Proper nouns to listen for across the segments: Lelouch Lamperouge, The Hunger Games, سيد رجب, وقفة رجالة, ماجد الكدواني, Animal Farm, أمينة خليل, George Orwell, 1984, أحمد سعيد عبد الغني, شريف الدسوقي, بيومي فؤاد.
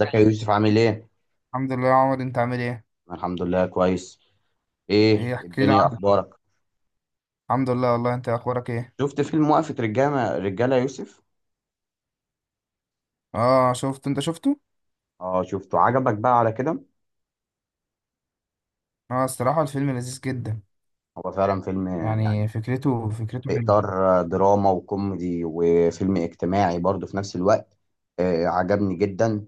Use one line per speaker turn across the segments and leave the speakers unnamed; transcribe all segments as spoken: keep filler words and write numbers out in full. ازيك يا يوسف عامل ايه؟
الحمد لله يا عمر، انت عامل ايه؟
أنا الحمد لله كويس.
ايه
ايه
احكي لي
الدنيا
عنه.
اخبارك؟
الحمد لله والله، انت اخبارك ايه؟
شفت فيلم وقفة رجالة رجالة يا يوسف؟
اه شفت، انت شفته.
اه شفته عجبك بقى على كده؟
اه الصراحه الفيلم لذيذ جدا.
هو فعلا فيلم. يعني
يعني فكرته فكرته
في
حلوه.
اطار دراما وكوميدي وفيلم اجتماعي برضه في نفس الوقت. آه عجبني جدا.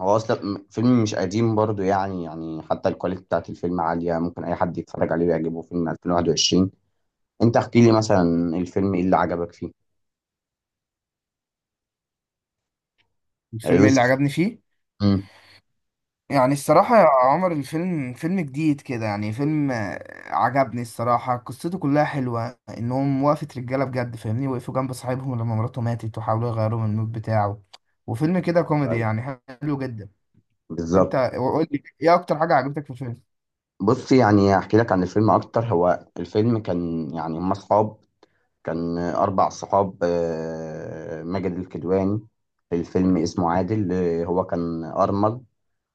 هو اصلا م- فيلم مش قديم برضه، يعني يعني حتى الكواليتي بتاعت الفيلم عالية، ممكن اي حد يتفرج عليه ويعجبه. فيلم ألفين وواحد وعشرين. انت احكي لي مثلا الفيلم ايه اللي عجبك فيه يا
الفيلم ايه اللي
يوسف؟
عجبني فيه؟
امم
يعني الصراحه يا عمر، الفيلم فيلم جديد كده، يعني فيلم آه، عجبني الصراحه. قصته كلها حلوه، انهم وقفه رجاله بجد، فاهمني؟ وقفوا جنب صاحبهم لما مراته ماتت وحاولوا يغيروا من المود بتاعه. وفيلم كده
أيوة،
كوميدي،
أيوة،
يعني حلو جدا. انت
بالظبط.
قول لي ايه اكتر حاجه عجبتك في الفيلم.
بص، يعني احكي لك عن الفيلم اكتر. هو الفيلم كان، يعني، هم اصحاب. كان اربع صحاب، آه، ماجد الكدواني في الفيلم اسمه عادل، آه، هو كان ارمل.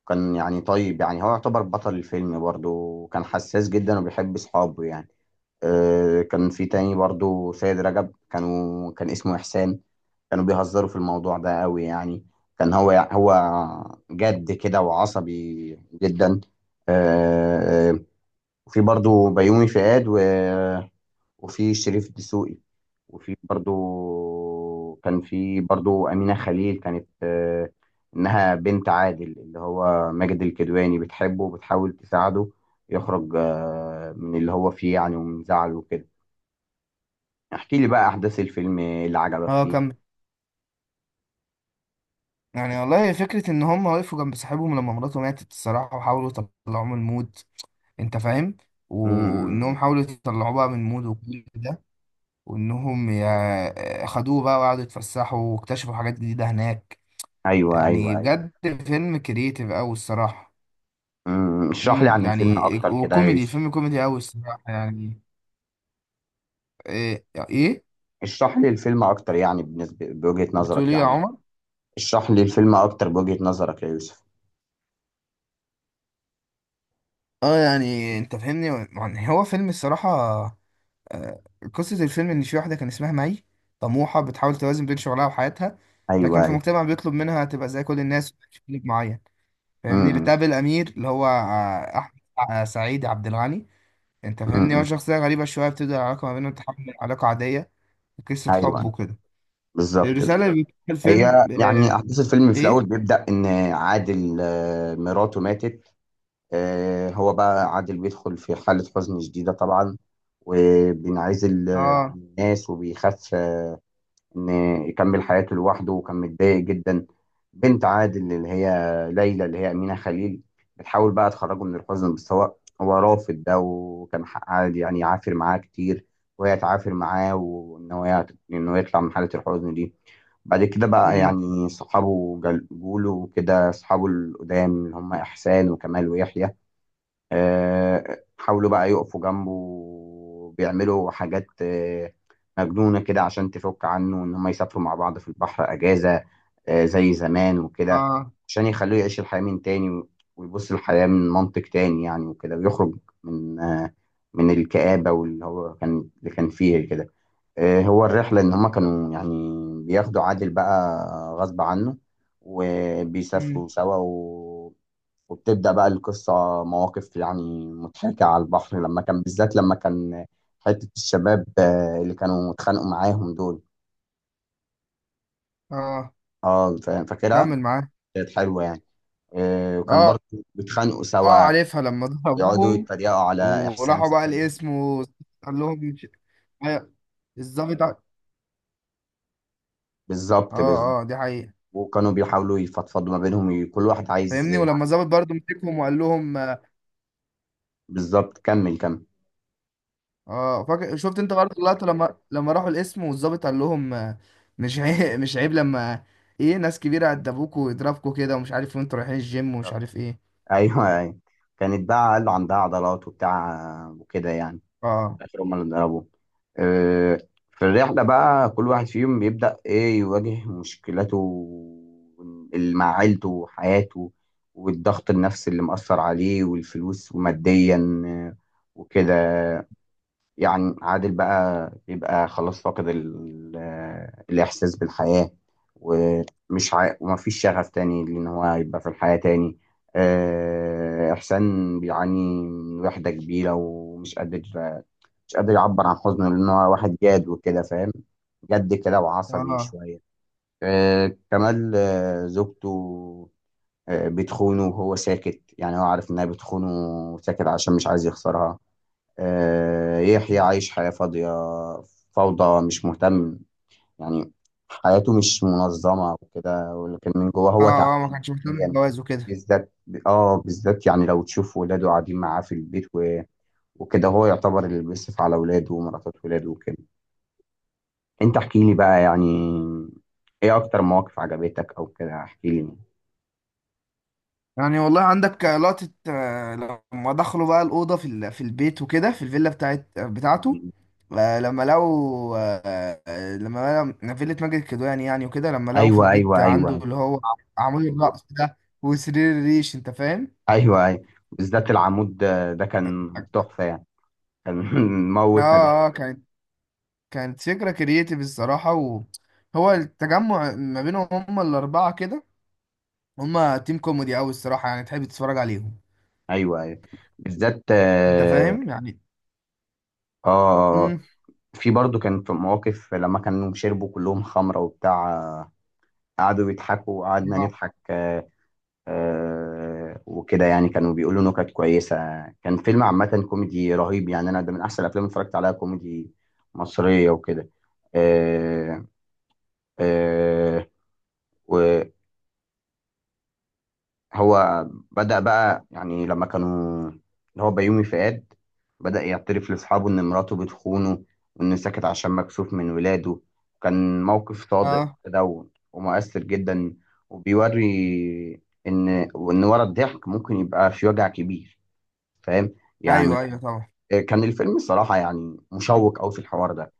كان، يعني، طيب، يعني هو يعتبر بطل الفيلم برضه، وكان حساس جدا وبيحب اصحابه يعني. آه، كان في تاني برضه سيد رجب، كانوا كان اسمه احسان. كانوا بيهزروا في الموضوع ده قوي يعني. كان هو هو جد كده وعصبي جدا. آه، آه، وفي برضو بيومي فؤاد و... وفي شريف الدسوقي. وفي برضو، كان في برضو أمينة خليل، كانت آه، إنها بنت عادل اللي هو ماجد الكدواني، بتحبه وبتحاول تساعده يخرج، آه، من اللي هو فيه يعني، ومن زعله وكده. احكي لي بقى أحداث الفيلم اللي عجبك
اه
فيه.
كمل. يعني والله فكرة إن هم وقفوا جنب صاحبهم لما مراته ماتت الصراحة، وحاولوا يطلعوه من المود. أنت فاهم؟ وإنهم
امم
حاولوا يطلعوه بقى من المود وكل ده، وإنهم يا- خدوه بقى وقعدوا يتفسحوا واكتشفوا حاجات جديدة هناك.
ايوه ايوه
يعني
ايوه.
بجد فيلم كريتيف أوي الصراحة.
امم اشرح لي عن
امم
الفيلم
يعني
اكتر كده يا
وكوميدي،
يوسف.
فيلم كوميدي أوي الصراحة يعني. إيه إيه؟
اشرح لي الفيلم اكتر، يعني بالنسبه بوجهه
بتقول
نظرك
إيه يا
يعني.
عمر؟
اشرح لي الفيلم اكتر بوجهه نظرك يا يوسف.
اه يعني انت فاهمني. يعني هو فيلم الصراحة، آه، قصة الفيلم إن في واحدة كان اسمها مي، طموحة بتحاول توازن بين شغلها وحياتها، لكن
ايوه
في
ايوه.
مجتمع بيطلب منها تبقى زي كل الناس وتعيش في بيت معين.
امم
فاهمني؟
امم.
بتقابل أمير اللي هو آه، أحمد آه، سعيد عبد الغني. أنت
إمم،
فاهمني؟ هو
إمم.
شخصية غريبة شوية، بتبدأ العلاقة ما بينهم تحول لعلاقة عادية، قصة حب
ايوه،
وكده.
بالظبط
الرسالة اللي
بالظبط.
بتقولها الفيلم
هي، يعني،
آه،
احداث الفيلم في الاول
إيه؟
بيبدا ان عادل، آه، مراته ماتت. آه، هو بقى عادل بيدخل في حاله حزن شديده طبعا، وبينعزل، آه، عن
آه.
الناس، وبيخاف ان يكمل حياته لوحده، وكان متضايق جدا. بنت عادل اللي هي ليلى، اللي هي أمينة خليل، بتحاول بقى تخرجه من الحزن، بس هو هو رافض ده. وكان حق عادل يعني يعافر معاه كتير، وهي تعافر معاه، وإن هو يعت- إنه يطلع من حالة الحزن دي. بعد كده بقى
مم.
يعني صحابه جل- جوله وكده. صحابه القدام اللي هم إحسان وكمال ويحيى، آه، حاولوا بقى يقفوا جنبه، بيعملوا حاجات، آه، مجنونة كده عشان تفك عنه. إن هم يسافروا مع بعض في البحر أجازة، آه، زي زمان وكده،
آه.
عشان يخلوه يعيش الحياة من تاني، ويبص الحياة من منطق تاني يعني، وكده، ويخرج من، آه، من الكآبة واللي هو كان اللي كان فيه كده. آه، هو الرحلة إن هما كانوا، يعني، بياخدوا عادل بقى غصب عنه،
مم.
وبيسافروا سوا و... وبتبدأ بقى القصة. مواقف يعني مضحكة على البحر، لما كان بالذات لما كان حتة الشباب، آه، اللي كانوا اتخانقوا معاهم دول،
آه
اه فا- فاكرها.
كمل معاه.
كانت حلوة يعني. آه، وكان برضه
آه
بيتخانقوا
اه
سوا،
عارفها لما
يقعدوا
ضربوهم.
يتريقوا على إحسان
وراحوا بقى
صاحبهم.
الاسم وقال لهم مش- أيوة، الظابط ع-
بالظبط بالظبط.
اه اه دي حقيقة.
وكانوا بيحاولوا يفضفضوا ما بينهم، كل واحد عايز.
فاهمني ولما الظابط برضه مسكهم وقال لهم.
بالظبط، كمل كمل.
اه فاكر شفت انت برضه اللقطة لما لما راحوا القسم والظابط قال لهم آه، مش عيب مش عيب لما ايه. ناس كبيرة عدبوكوا ويضربكوا كده ومش عارف إيه، وانتوا رايحين الجيم ومش عارف ايه.
ايوه ايوه. كانت بقى قالوا عندها عضلات وبتاع، آه، وكده يعني.
اه
في الاخر هم اللي ضربوه. آه، في الرحله بقى كل واحد فيهم يبدا ايه يواجه مشكلاته اللي مع عيلته وحياته، والضغط النفسي اللي مأثر عليه، والفلوس وماديا، آه، وكده يعني. عادل بقى بيبقى خلاص فاقد ال- الإحساس بالحياة، ومش عا... ومفيش شغف تاني لأن هو يبقى في الحياة تاني. آه، إحسان بيعاني من وحدة كبيرة، ومش قادر مش قادر يعبر عن حزنه، لأن هو واحد جاد وكده، فاهم، جد كده وعصبي
اه
شوية. آه، كمال، آه، زوجته، آه، بتخونه وهو ساكت، يعني هو عارف إنها بتخونه وساكت عشان مش عايز يخسرها. آه، يحيى عايش حياة فاضية، فوضى، مش مهتم يعني، حياته مش منظمة وكده، ولكن من جواه
اه.
هو تعبان
اه ما كانش مهتم
نفسياً.
بالجواز وكده.
بالذات اه بالذات، يعني لو تشوف ولاده قاعدين معاه في البيت و... وكده، هو يعتبر اللي بيصرف على ولاده ومراتات ولاده وكده. انت احكي لي بقى، يعني، ايه اكتر مواقف عجبتك او كده، احكي لي.
يعني والله عندك لقطة آه، لما دخلوا بقى الأوضة في ال- في البيت وكده، في الفيلا بتاعت بتاعته. آه، لما لقوا آه، آه، لما لقوا فيلا ماجد الكدواني يعني، وكده لما لقوا في
ايوه
البيت
ايوه
عنده
ايوه.
اللي هو عمود الرأس ده وسرير الريش. أنت فاهم؟
ايوه ايوه. بالذات العمود ده ده كان تحفة يعني. كان
اه
موت ندى.
اه كانت، كانت فكرة كرييتيف الصراحة. وهو التجمع ما بينهم هما الأربعة كده، هما تيم كوميدي أوي الصراحة، يعني تحب تتفرج عليهم.
ايوه ايوه. بالذات
أنت
اه.
فاهم؟ يعني
آه، آه.
امم
في برضو كان في مواقف لما كانوا شربوا كلهم خمره وبتاع، آه، قعدوا يضحكوا وقعدنا
اه
نضحك. آه آه وكده يعني، كانوا بيقولوا نكت كويسه. كان فيلم عامه كوميدي رهيب يعني، انا ده من احسن الافلام اللي اتفرجت عليها كوميدي مصريه وكده. آه آه. هو بدأ بقى، يعني لما كانوا اللي هو بيومي فؤاد بدأ يعترف لأصحابه إن مراته بتخونه، وإنه سكت عشان مكسوف من ولاده. كان موقف صادق
آه،
كده و- ومؤثر جدا، وبيوري إن وإن ورا الضحك ممكن يبقى في وجع كبير. فاهم يعني.
ايوه ايوه طبعا.
كان الفيلم الصراحة يعني مشوق أوي في الحوار ده.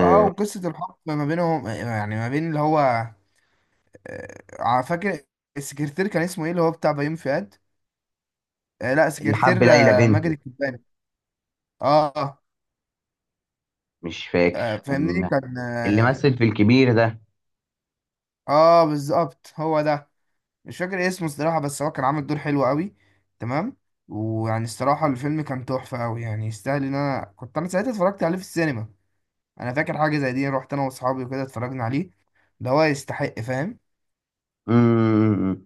اه وقصة الحب ما بينهم، يعني ما بين اللي هو آه، فاكر السكرتير كان اسمه ايه اللي هو بتاع بيومي فؤاد. آه لا
اللي حب
سكرتير
ليلى
آه، ماجد
بنته،
الكدواني. اه
مش
آه،
فاكر
فاهمني
يعني،
كان
اللي
اه
مثل في الكبير ده.
آه، بالظبط هو ده. مش فاكر اسمه الصراحة، بس هو كان عامل دور حلو قوي. تمام. ويعني الصراحة الفيلم كان تحفة قوي يعني، يستاهل ان انا كنت انا ساعتها اتفرجت عليه في السينما. انا فاكر حاجة زي دي، رحت انا واصحابي وكده اتفرجنا عليه. ده هو يستحق، فاهم؟
مم،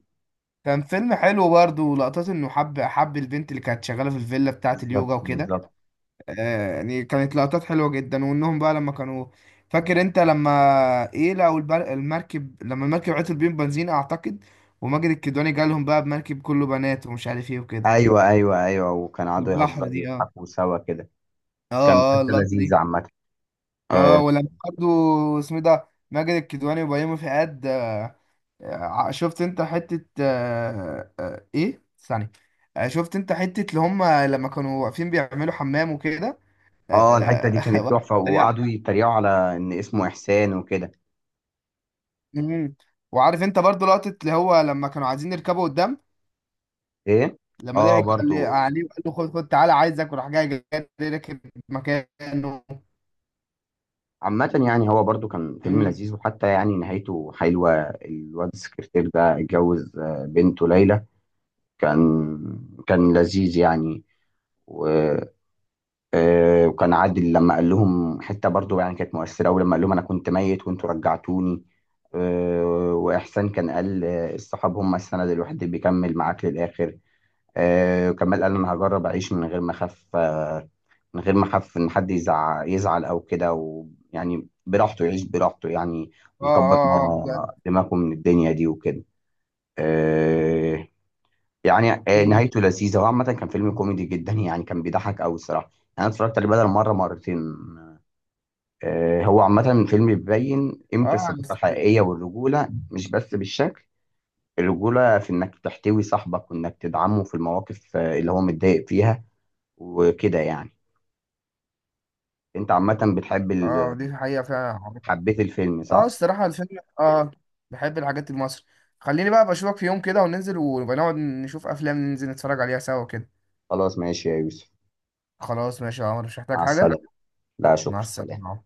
كان فيلم حلو برضه، ولقطات انه حب حب البنت اللي كانت شغاله في الفيلا بتاعه
بالظبط
اليوجا وكده.
بالظبط.
آه، يعني كانت لقطات حلوه جدا. وانهم بقى لما كانوا، فاكر انت لما ايه، لقوا البر- المركب لما المركب عطل بيهم بنزين اعتقد، وماجد الكدواني جالهم بقى بمركب كله بنات ومش عارف ايه وكده،
ايوه ايوه ايوه، وكان قعدوا
والبحر
يهزروا
دي اه.
ويضحكوا سوا كده. كان
اه اه
حته
اللقطه دي.
لذيذه عامه.
اه
اه.
ولما برضه اسمه إيه ده ماجد الكدواني وبيومي فؤاد آه، ع- شفت انت حتة آه، آه، ايه ثانية. آه، شفت انت حتة اللي هم لما كانوا واقفين بيعملوا حمام وكده
آه، الحته دي
آه،
كانت
واحد
تحفه،
سريع.
وقعدوا يتريقوا على ان اسمه احسان وكده.
مم. وعارف انت برضو لقطة اللي هو لما كانوا عايزين يركبوا قدام،
ايه.
لما
اه
ضحك قال لي
برضو.
عليه وقال له خد خد تعالى عايزك، وراح جاي، جاي راكب مكانه.
عامة يعني هو برضو كان فيلم
مم.
لذيذ، وحتى يعني نهايته حلوة. الواد السكرتير ده اتجوز، آه، بنته ليلى. كان كان لذيذ يعني. آه، وكان عادل لما قال لهم حته برضو يعني كانت مؤثره قوي، لما قال لهم انا كنت ميت وانتوا رجعتوني. آه، واحسان كان قال، آه، الصحاب هم السند الوحيد اللي بيكمل معاك للاخر. آه، وكمال قال انا هجرب اعيش من غير ما اخاف، آه، من غير ما اخاف ان حد يزعل يزعل او كده، ويعني براحته، يعيش براحته يعني،
اه
ويكبر
اه اه بجد.
ما دماغه من الدنيا دي وكده. آه، يعني، آه،
مم.
نهايته لذيذة، وعامة كان فيلم كوميدي جدا، يعني كان بيضحك أوي الصراحة. أنا اتفرجت عليه بدل مرة مرتين. آه، هو عامة فيلم بيبين قيمة
اه عن
الصداقة
الس-
الحقيقية والرجولة، مش بس بالشكل. الرجولة في إنك تحتوي صاحبك، وإنك تدعمه في المواقف، آه، اللي هو متضايق فيها وكده يعني. أنت عامة بتحب
اه
ال...
دي حقيقة فعلا.
حبيت الفيلم
اه
صح؟
الصراحة الفيلم اه بحب الحاجات المصري. خليني بقى بشوفك في يوم كده وننزل ونبقى نقعد نشوف افلام، ننزل نتفرج عليها سوا كده.
خلاص ماشي يا يوسف،
خلاص ماشي يا عمر، مش محتاج
مع
حاجة.
السلامة. لا
مع
شكرا، سلام.
السلامة.